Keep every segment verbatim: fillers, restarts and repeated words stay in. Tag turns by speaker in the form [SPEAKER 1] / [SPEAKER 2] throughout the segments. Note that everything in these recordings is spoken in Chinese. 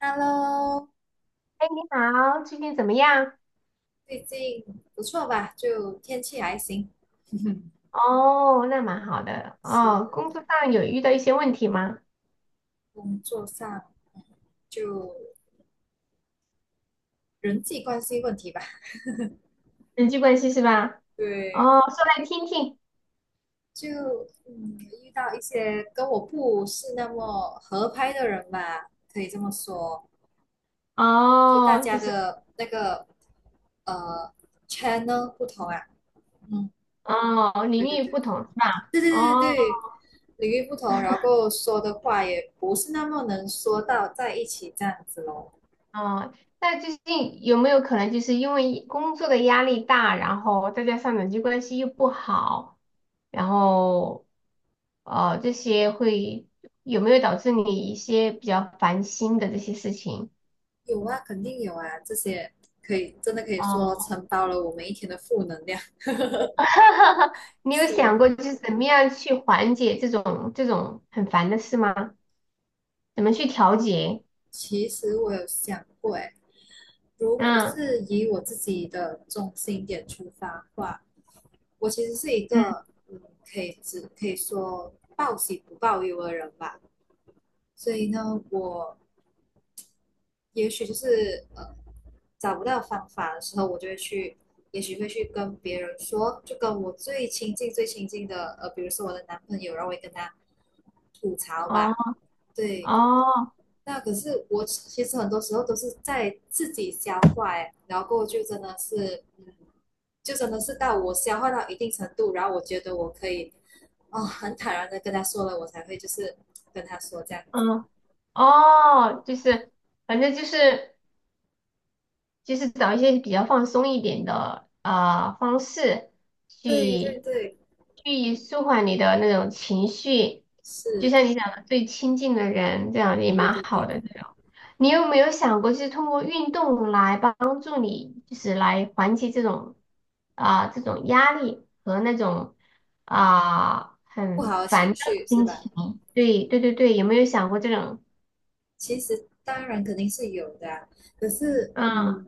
[SPEAKER 1] Hello，
[SPEAKER 2] 哎，你好，最近怎么样？
[SPEAKER 1] 最近不错吧？就天气还行，
[SPEAKER 2] 哦，那蛮好的。哦，工
[SPEAKER 1] 是
[SPEAKER 2] 作上有遇到一些问题吗？
[SPEAKER 1] 工作上就人际关系问题吧。
[SPEAKER 2] 人际关系是吧？
[SPEAKER 1] 对，
[SPEAKER 2] 哦，说来听听。
[SPEAKER 1] 就嗯遇到一些跟我不是那么合拍的人吧，可以这么说。就大
[SPEAKER 2] 哦，
[SPEAKER 1] 家
[SPEAKER 2] 就是。
[SPEAKER 1] 的那个呃 channel 不同啊，嗯，
[SPEAKER 2] 哦，领
[SPEAKER 1] 对对
[SPEAKER 2] 域
[SPEAKER 1] 对
[SPEAKER 2] 不同是吧？
[SPEAKER 1] 对对对
[SPEAKER 2] 哦
[SPEAKER 1] 对，领域不同，然后说的话也不是那么能说到在一起这样子咯。
[SPEAKER 2] 哦，那最近有没有可能就是因为工作的压力大，然后再加上人际关系又不好，然后呃这些会有没有导致你一些比较烦心的这些事情？
[SPEAKER 1] 有啊，肯定有啊，这些可以真的可以说
[SPEAKER 2] 哦。
[SPEAKER 1] 承包了我们一天的负能量。
[SPEAKER 2] 你有
[SPEAKER 1] 是，
[SPEAKER 2] 想过就是怎么样去缓解这种这种很烦的事吗？怎么去调节？
[SPEAKER 1] 其实我有想过，诶，如果
[SPEAKER 2] 嗯，
[SPEAKER 1] 是以我自己的中心点出发的话，我其实是一
[SPEAKER 2] 嗯，
[SPEAKER 1] 个，嗯，可以只可以说报喜不报忧的人吧。所以呢，我也许就是呃，找不到方法的时候，我就会去，也许会去跟别人说，就跟我最亲近、最亲近的，呃，比如说我的男朋友，然后我会跟他吐槽
[SPEAKER 2] 哦
[SPEAKER 1] 吧，对。
[SPEAKER 2] 哦，
[SPEAKER 1] 那可是我其实很多时候都是在自己消化，哎，然后过后就真的是，就真的是到我消化到一定程度，然后我觉得我可以，哦，很坦然的跟他说了，我才会就是跟他说这样子。
[SPEAKER 2] 嗯哦，就是反正就是。就是找一些比较放松一点的啊方式
[SPEAKER 1] 对对
[SPEAKER 2] 去
[SPEAKER 1] 对，
[SPEAKER 2] 去舒缓你的那种情绪，就
[SPEAKER 1] 是，
[SPEAKER 2] 像你讲的最亲近的人，这样也
[SPEAKER 1] 对
[SPEAKER 2] 蛮
[SPEAKER 1] 对
[SPEAKER 2] 好
[SPEAKER 1] 对，
[SPEAKER 2] 的这种。你有没有想过，就是通过运动来帮助你，就是来缓解这种啊、这种压力和那种啊、
[SPEAKER 1] 不
[SPEAKER 2] 很
[SPEAKER 1] 好的
[SPEAKER 2] 烦
[SPEAKER 1] 情
[SPEAKER 2] 躁的
[SPEAKER 1] 绪是
[SPEAKER 2] 心
[SPEAKER 1] 吧？
[SPEAKER 2] 情？对对对对，有没有想过这种？
[SPEAKER 1] 其实当然肯定是有的啊，可是
[SPEAKER 2] 嗯。
[SPEAKER 1] 嗯，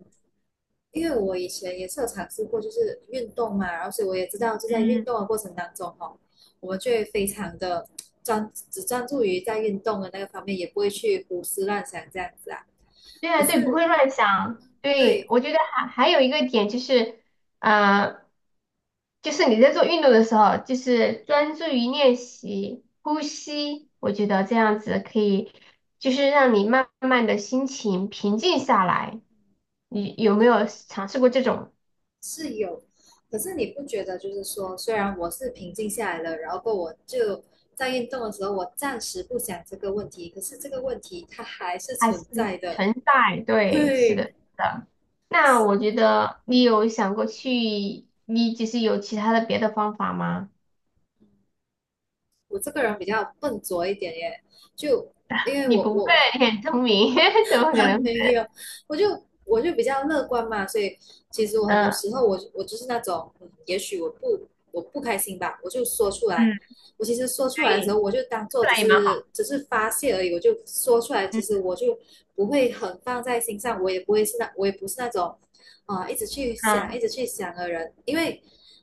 [SPEAKER 1] 因为我以前也是有尝试过，就是运动嘛，然后所以我也知道，就在运
[SPEAKER 2] 嗯，
[SPEAKER 1] 动的过程当中哈哦，我们就会非常的专，只专注于在运动的那个方面，也不会去胡思乱想这样子啊。
[SPEAKER 2] 对
[SPEAKER 1] 可
[SPEAKER 2] 啊，对，不
[SPEAKER 1] 是
[SPEAKER 2] 会乱想。对，
[SPEAKER 1] 对，
[SPEAKER 2] 我觉得还还有一个点就是，呃，就是你在做运动的时候，就是专注于练习呼吸，我觉得这样子可以，就是让你慢慢的心情平静下来。你有没有尝试过这种？
[SPEAKER 1] 是有，可是你不觉得就是说，虽然我是平静下来了，然后我就在运动的时候，我暂时不想这个问题，可是这个问题它还是
[SPEAKER 2] 还是
[SPEAKER 1] 存在的。
[SPEAKER 2] 存在？对，是的，
[SPEAKER 1] 对，
[SPEAKER 2] 是的。那我觉得你有想过去，你就是有其他的别的方法吗？
[SPEAKER 1] 我这个人比较笨拙一点耶，就因为
[SPEAKER 2] 你
[SPEAKER 1] 我
[SPEAKER 2] 不会，
[SPEAKER 1] 我
[SPEAKER 2] 你很聪明，怎 么可
[SPEAKER 1] 啊，
[SPEAKER 2] 能笨？
[SPEAKER 1] 没有，我就我就比较乐观嘛，所以其实我很多
[SPEAKER 2] 嗯。
[SPEAKER 1] 时候我我就是那种，嗯也许我不我不开心吧，我就说出来。
[SPEAKER 2] 嗯，
[SPEAKER 1] 我其实说出来的时
[SPEAKER 2] 对，
[SPEAKER 1] 候，我就当做
[SPEAKER 2] 这
[SPEAKER 1] 只
[SPEAKER 2] 样也蛮好。
[SPEAKER 1] 是只是发泄而已，我就说出来。其
[SPEAKER 2] 嗯
[SPEAKER 1] 实我就不会很放在心上，我也不会是那我也不是那种啊、一直去想
[SPEAKER 2] 嗯，
[SPEAKER 1] 一直去想的人，因为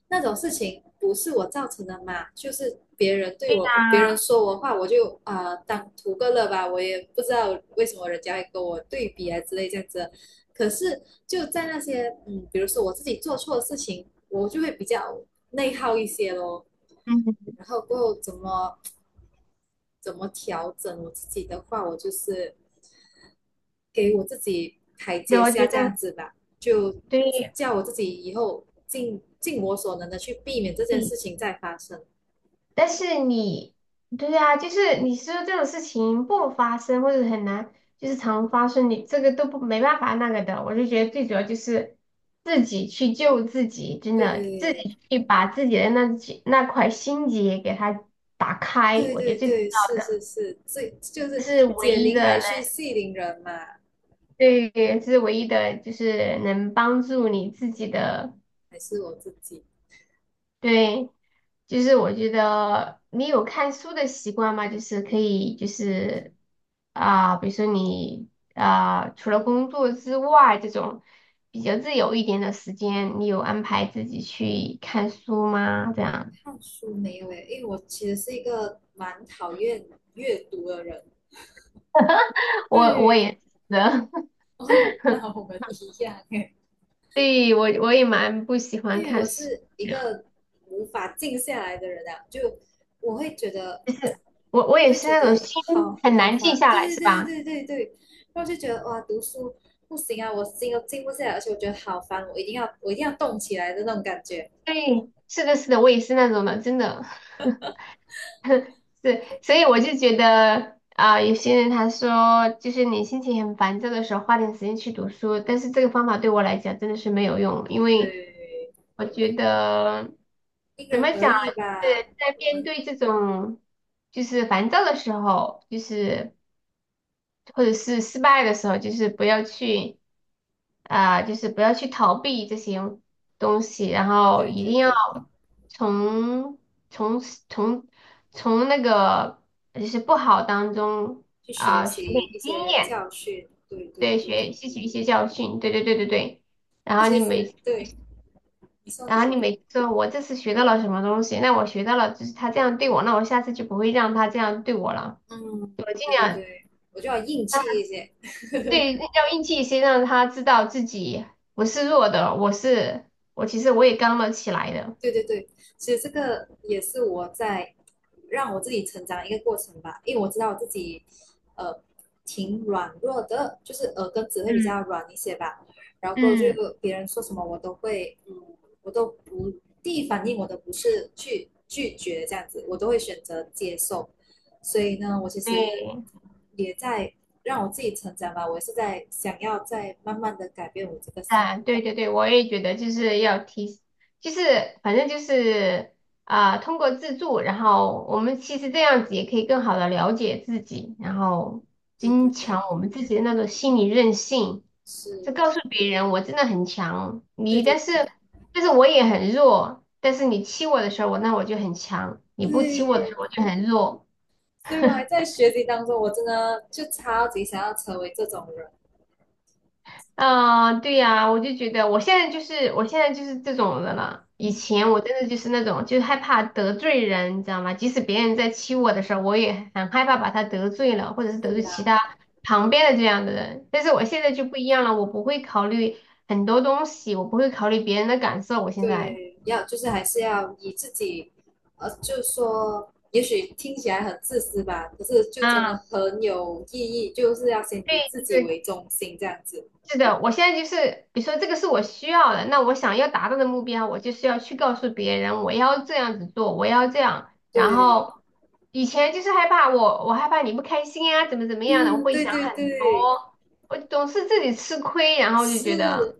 [SPEAKER 1] 那种事情不是我造成的嘛，就是别人对
[SPEAKER 2] 对
[SPEAKER 1] 我，别人
[SPEAKER 2] 呀、
[SPEAKER 1] 说我话，我就啊、呃当图个乐吧，我也不知道为什么人家会跟我对比啊之类这样子。可是就在那些嗯，比如说我自己做错的事情，我就会比较内耗一些咯。
[SPEAKER 2] 嗯，
[SPEAKER 1] 然后过后怎么怎么调整我自己的话，我就是给我自己台
[SPEAKER 2] 对，
[SPEAKER 1] 阶
[SPEAKER 2] 我
[SPEAKER 1] 下
[SPEAKER 2] 觉
[SPEAKER 1] 这
[SPEAKER 2] 得
[SPEAKER 1] 样子吧，就
[SPEAKER 2] 对。
[SPEAKER 1] 叫我自己以后尽尽我所能的去避免这件
[SPEAKER 2] 嗯，
[SPEAKER 1] 事情再发生。
[SPEAKER 2] 但是你，对啊，就是你说这种事情不发生或者很难，就是常发生，你这个都不没办法那个的。我就觉得最主要就是自己去救自己，真的，自
[SPEAKER 1] 对
[SPEAKER 2] 己去把自己的那几那块心结给它打开，
[SPEAKER 1] 对
[SPEAKER 2] 我觉得
[SPEAKER 1] 对
[SPEAKER 2] 最重
[SPEAKER 1] 对，
[SPEAKER 2] 要
[SPEAKER 1] 是是
[SPEAKER 2] 的，
[SPEAKER 1] 是，这就
[SPEAKER 2] 这
[SPEAKER 1] 是
[SPEAKER 2] 是唯
[SPEAKER 1] 解
[SPEAKER 2] 一
[SPEAKER 1] 铃还
[SPEAKER 2] 的。
[SPEAKER 1] 须系铃人嘛，
[SPEAKER 2] 对，这是唯一的，就是能帮助你自己的。
[SPEAKER 1] 还是我自己。
[SPEAKER 2] 对，就是我觉得你有看书的习惯吗？就是可以，就是啊、比如说你啊、除了工作之外，这种比较自由一点的时间，你有安排自己去看书吗？这样。
[SPEAKER 1] 看书没有诶，因为我其实是一个蛮讨厌阅读的人。
[SPEAKER 2] 我我
[SPEAKER 1] 对，
[SPEAKER 2] 也是的。
[SPEAKER 1] 哦，那我 们一样诶，
[SPEAKER 2] 对，我我也蛮不喜欢
[SPEAKER 1] 因为
[SPEAKER 2] 看
[SPEAKER 1] 我
[SPEAKER 2] 书，
[SPEAKER 1] 是一个无法静下来的人啊，就我会觉得
[SPEAKER 2] 我我
[SPEAKER 1] 我
[SPEAKER 2] 也
[SPEAKER 1] 会
[SPEAKER 2] 是
[SPEAKER 1] 觉
[SPEAKER 2] 那种
[SPEAKER 1] 得
[SPEAKER 2] 心
[SPEAKER 1] 好
[SPEAKER 2] 很
[SPEAKER 1] 好
[SPEAKER 2] 难静
[SPEAKER 1] 烦。
[SPEAKER 2] 下
[SPEAKER 1] 对
[SPEAKER 2] 来，
[SPEAKER 1] 对
[SPEAKER 2] 是
[SPEAKER 1] 对
[SPEAKER 2] 吧？
[SPEAKER 1] 对对对对，然后就觉得哇，读书不行啊，我心都静不下来，而且我觉得好烦，我一定要我一定要动起来的那种感觉。
[SPEAKER 2] 对，是的，是的，我也是那种的，真的。是，所以我就觉得啊、有些人他说，就是你心情很烦躁的时候，花点时间去读书，但是这个方法对我来讲真的是没有用，因为
[SPEAKER 1] 对，
[SPEAKER 2] 我觉得
[SPEAKER 1] 因
[SPEAKER 2] 怎
[SPEAKER 1] 人
[SPEAKER 2] 么
[SPEAKER 1] 而
[SPEAKER 2] 讲，
[SPEAKER 1] 异
[SPEAKER 2] 就是
[SPEAKER 1] 吧。
[SPEAKER 2] 在
[SPEAKER 1] 我
[SPEAKER 2] 面
[SPEAKER 1] 们
[SPEAKER 2] 对这种就是烦躁的时候，就是或者是失败的时候，就是不要去。啊、就是不要去逃避这些东西，然后
[SPEAKER 1] 对
[SPEAKER 2] 一
[SPEAKER 1] 对
[SPEAKER 2] 定要
[SPEAKER 1] 对，
[SPEAKER 2] 从从从从那个就是不好当中
[SPEAKER 1] 去学
[SPEAKER 2] 啊、学点
[SPEAKER 1] 习一
[SPEAKER 2] 经
[SPEAKER 1] 些
[SPEAKER 2] 验，
[SPEAKER 1] 教训。对对
[SPEAKER 2] 对，
[SPEAKER 1] 对，
[SPEAKER 2] 学吸取一些教训，对对对对对。然
[SPEAKER 1] 那
[SPEAKER 2] 后
[SPEAKER 1] 其
[SPEAKER 2] 你
[SPEAKER 1] 实
[SPEAKER 2] 每。
[SPEAKER 1] 对，你说你
[SPEAKER 2] 然后你
[SPEAKER 1] 说，
[SPEAKER 2] 每次说我这次学到了什么东西，那我学到了就是他这样对我，那我下次就不会让他这样对我了，
[SPEAKER 1] 嗯，
[SPEAKER 2] 我尽
[SPEAKER 1] 对对
[SPEAKER 2] 量。
[SPEAKER 1] 对，我就要硬气一些。
[SPEAKER 2] 对，要硬气一些，让他知道自己不是弱的，我是我，其实我也刚了起来的。
[SPEAKER 1] 对对对，其实这个也是我在让我自己成长的一个过程吧，因为我知道我自己呃挺软弱的，就是耳根子会比较
[SPEAKER 2] 嗯，
[SPEAKER 1] 软一些吧，然后就
[SPEAKER 2] 嗯，
[SPEAKER 1] 别人说什么我都会，嗯，我都不第一反应我都不是去拒绝这样子，我都会选择接受，所以呢，我其实
[SPEAKER 2] 对，
[SPEAKER 1] 也在让我自己成长吧，我也是在想要在慢慢的改变我这个性格，
[SPEAKER 2] 啊，对对对，我也觉得就是要提，就是反正就是啊、通过自助，然后我们其实这样子也可以更好的了解自己，然后
[SPEAKER 1] 对对
[SPEAKER 2] 增
[SPEAKER 1] 对，
[SPEAKER 2] 强我们自己的那种心理韧性，就
[SPEAKER 1] 是，
[SPEAKER 2] 告诉别人我真的很强，
[SPEAKER 1] 对
[SPEAKER 2] 你
[SPEAKER 1] 对
[SPEAKER 2] 但是但是我也很弱，但是你欺我的时候，我那我就很强，你不欺
[SPEAKER 1] 对，
[SPEAKER 2] 我的时候我就很弱。
[SPEAKER 1] 所以我还在学习当中，我真的就超级想要成为这种人。
[SPEAKER 2] 嗯，对呀，我就觉得我现在就是我现在就是这种的了。以
[SPEAKER 1] 嗯，
[SPEAKER 2] 前我真的就是那种，就是害怕得罪人，你知道吗？即使别人在欺我的时候，我也很害怕把他得罪了，或者是
[SPEAKER 1] 是
[SPEAKER 2] 得罪
[SPEAKER 1] 啊，
[SPEAKER 2] 其他旁边的这样的人。但是我现在就不一样了，我不会考虑很多东西，我不会考虑别人的感受。我现在
[SPEAKER 1] 对，要就是还是要以自己，呃，就是说，也许听起来很自私吧，可是就真的
[SPEAKER 2] 啊，
[SPEAKER 1] 很有意义，就是要先以自
[SPEAKER 2] 对，就
[SPEAKER 1] 己
[SPEAKER 2] 是
[SPEAKER 1] 为中心这样子。
[SPEAKER 2] 是的，我现在就是，比如说这个是我需要的，那我想要达到的目标，我就是要去告诉别人，我要这样子做，我要这样。然
[SPEAKER 1] 对，
[SPEAKER 2] 后以前就是害怕我，我害怕你不开心呀、怎么怎么样的，我
[SPEAKER 1] 嗯，
[SPEAKER 2] 会
[SPEAKER 1] 对
[SPEAKER 2] 想
[SPEAKER 1] 对
[SPEAKER 2] 很
[SPEAKER 1] 对，
[SPEAKER 2] 多，我总是自己吃亏，然后就觉
[SPEAKER 1] 是，
[SPEAKER 2] 得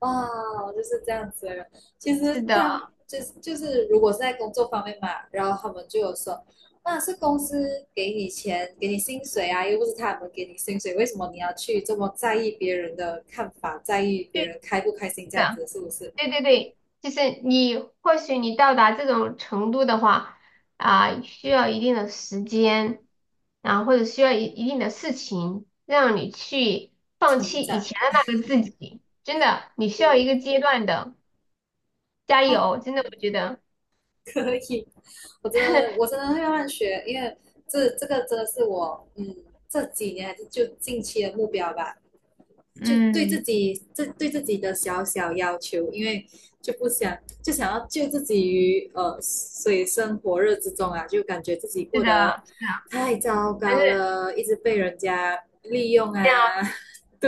[SPEAKER 1] 哇，我就是这样子的人。其实
[SPEAKER 2] 是的，
[SPEAKER 1] 他们就是就是，如果是在工作方面嘛，然后他们就有说，那是公司给你钱，给你薪水啊，又不是他们给你薪水，为什么你要去这么在意别人的看法，在意
[SPEAKER 2] 对，
[SPEAKER 1] 别人开不开心
[SPEAKER 2] 是
[SPEAKER 1] 这样
[SPEAKER 2] 的。
[SPEAKER 1] 子，是不是？
[SPEAKER 2] 对对对，就是你或许你到达这种程度的话，啊、需要一定的时间，然后或者需要一一定的事情，让你去放
[SPEAKER 1] 成
[SPEAKER 2] 弃以
[SPEAKER 1] 长，
[SPEAKER 2] 前的那个自己。真的，你需要一
[SPEAKER 1] 对，
[SPEAKER 2] 个阶段的，加
[SPEAKER 1] 哦，
[SPEAKER 2] 油！真的，我觉得，
[SPEAKER 1] 可以，我真的我真的会慢慢学，因为这这个真的是我嗯这几年还是就近期的目标吧，就对自
[SPEAKER 2] 嗯，
[SPEAKER 1] 己这对自己的小小要求，因为就不想就想要救自己于呃水深火热之中啊，就感觉自己
[SPEAKER 2] 是
[SPEAKER 1] 过得
[SPEAKER 2] 的，
[SPEAKER 1] 太糟
[SPEAKER 2] 反
[SPEAKER 1] 糕
[SPEAKER 2] 正。
[SPEAKER 1] 了，一直被人家利用啊。
[SPEAKER 2] 这样。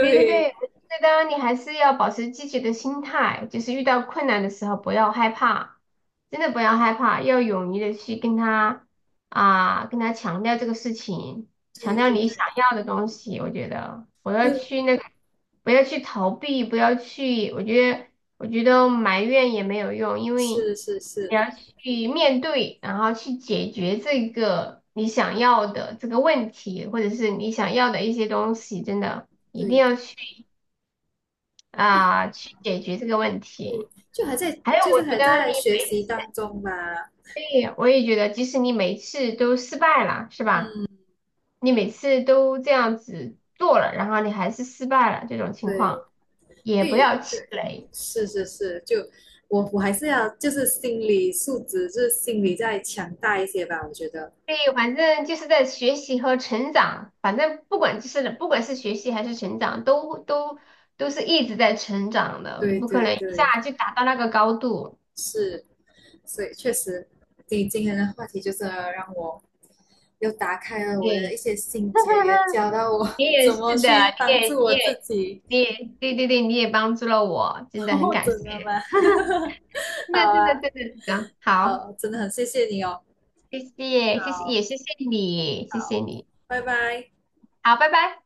[SPEAKER 2] 对对对，我觉得你还是要保持积极的心态，就是遇到困难的时候不要害怕，真的不要害怕，要勇于的去跟他啊，跟他强调这个事情，
[SPEAKER 1] 对
[SPEAKER 2] 强调
[SPEAKER 1] 对
[SPEAKER 2] 你
[SPEAKER 1] 对，
[SPEAKER 2] 想要的东西。我觉得不要去那个，不要去逃避，不要去，我觉得我觉得埋怨也没有用，因为
[SPEAKER 1] 是是是
[SPEAKER 2] 你
[SPEAKER 1] 是，
[SPEAKER 2] 要去面对，然后去解决这个你想要的这个问题，或者是你想要的一些东西，真的。一定
[SPEAKER 1] 对
[SPEAKER 2] 要去。啊、去解决这个问题。
[SPEAKER 1] 对，就还在
[SPEAKER 2] 还有，
[SPEAKER 1] 就
[SPEAKER 2] 我
[SPEAKER 1] 是
[SPEAKER 2] 觉
[SPEAKER 1] 还
[SPEAKER 2] 得你
[SPEAKER 1] 在学
[SPEAKER 2] 每
[SPEAKER 1] 习
[SPEAKER 2] 次，
[SPEAKER 1] 当中吧。
[SPEAKER 2] 对，我也觉得，即使你每次都失败了，是吧？
[SPEAKER 1] 嗯，
[SPEAKER 2] 你每次都这样子做了，然后你还是失败了，这种情
[SPEAKER 1] 对，
[SPEAKER 2] 况也不
[SPEAKER 1] 对
[SPEAKER 2] 要气
[SPEAKER 1] 对，
[SPEAKER 2] 馁。
[SPEAKER 1] 是是是，就我我还是要就是心理素质，就是心理再强大一些吧，我觉得。
[SPEAKER 2] 对，反正就是在学习和成长，反正不管就是不管是学习还是成长，都都都是一直在成长的，你
[SPEAKER 1] 对
[SPEAKER 2] 不可
[SPEAKER 1] 对
[SPEAKER 2] 能一
[SPEAKER 1] 对，
[SPEAKER 2] 下就达到那个高度。
[SPEAKER 1] 是，所以确实，你今天的话题就是让我又打开了我的一
[SPEAKER 2] 对，
[SPEAKER 1] 些心结，也 教到我
[SPEAKER 2] 你 也
[SPEAKER 1] 怎么
[SPEAKER 2] 是的，
[SPEAKER 1] 去
[SPEAKER 2] 你
[SPEAKER 1] 帮
[SPEAKER 2] 也
[SPEAKER 1] 助
[SPEAKER 2] 你
[SPEAKER 1] 我自
[SPEAKER 2] 也
[SPEAKER 1] 己。
[SPEAKER 2] 你也对对对，你也帮助了我，真的很
[SPEAKER 1] 哦，
[SPEAKER 2] 感
[SPEAKER 1] 真的
[SPEAKER 2] 谢。
[SPEAKER 1] 吗？好
[SPEAKER 2] 那真的
[SPEAKER 1] 啊，
[SPEAKER 2] 真的真的好，
[SPEAKER 1] 好，真的很谢谢你哦。
[SPEAKER 2] 谢谢谢谢
[SPEAKER 1] 好，
[SPEAKER 2] 也谢谢你，谢
[SPEAKER 1] 好，
[SPEAKER 2] 谢你，
[SPEAKER 1] 拜拜。
[SPEAKER 2] 好，拜拜。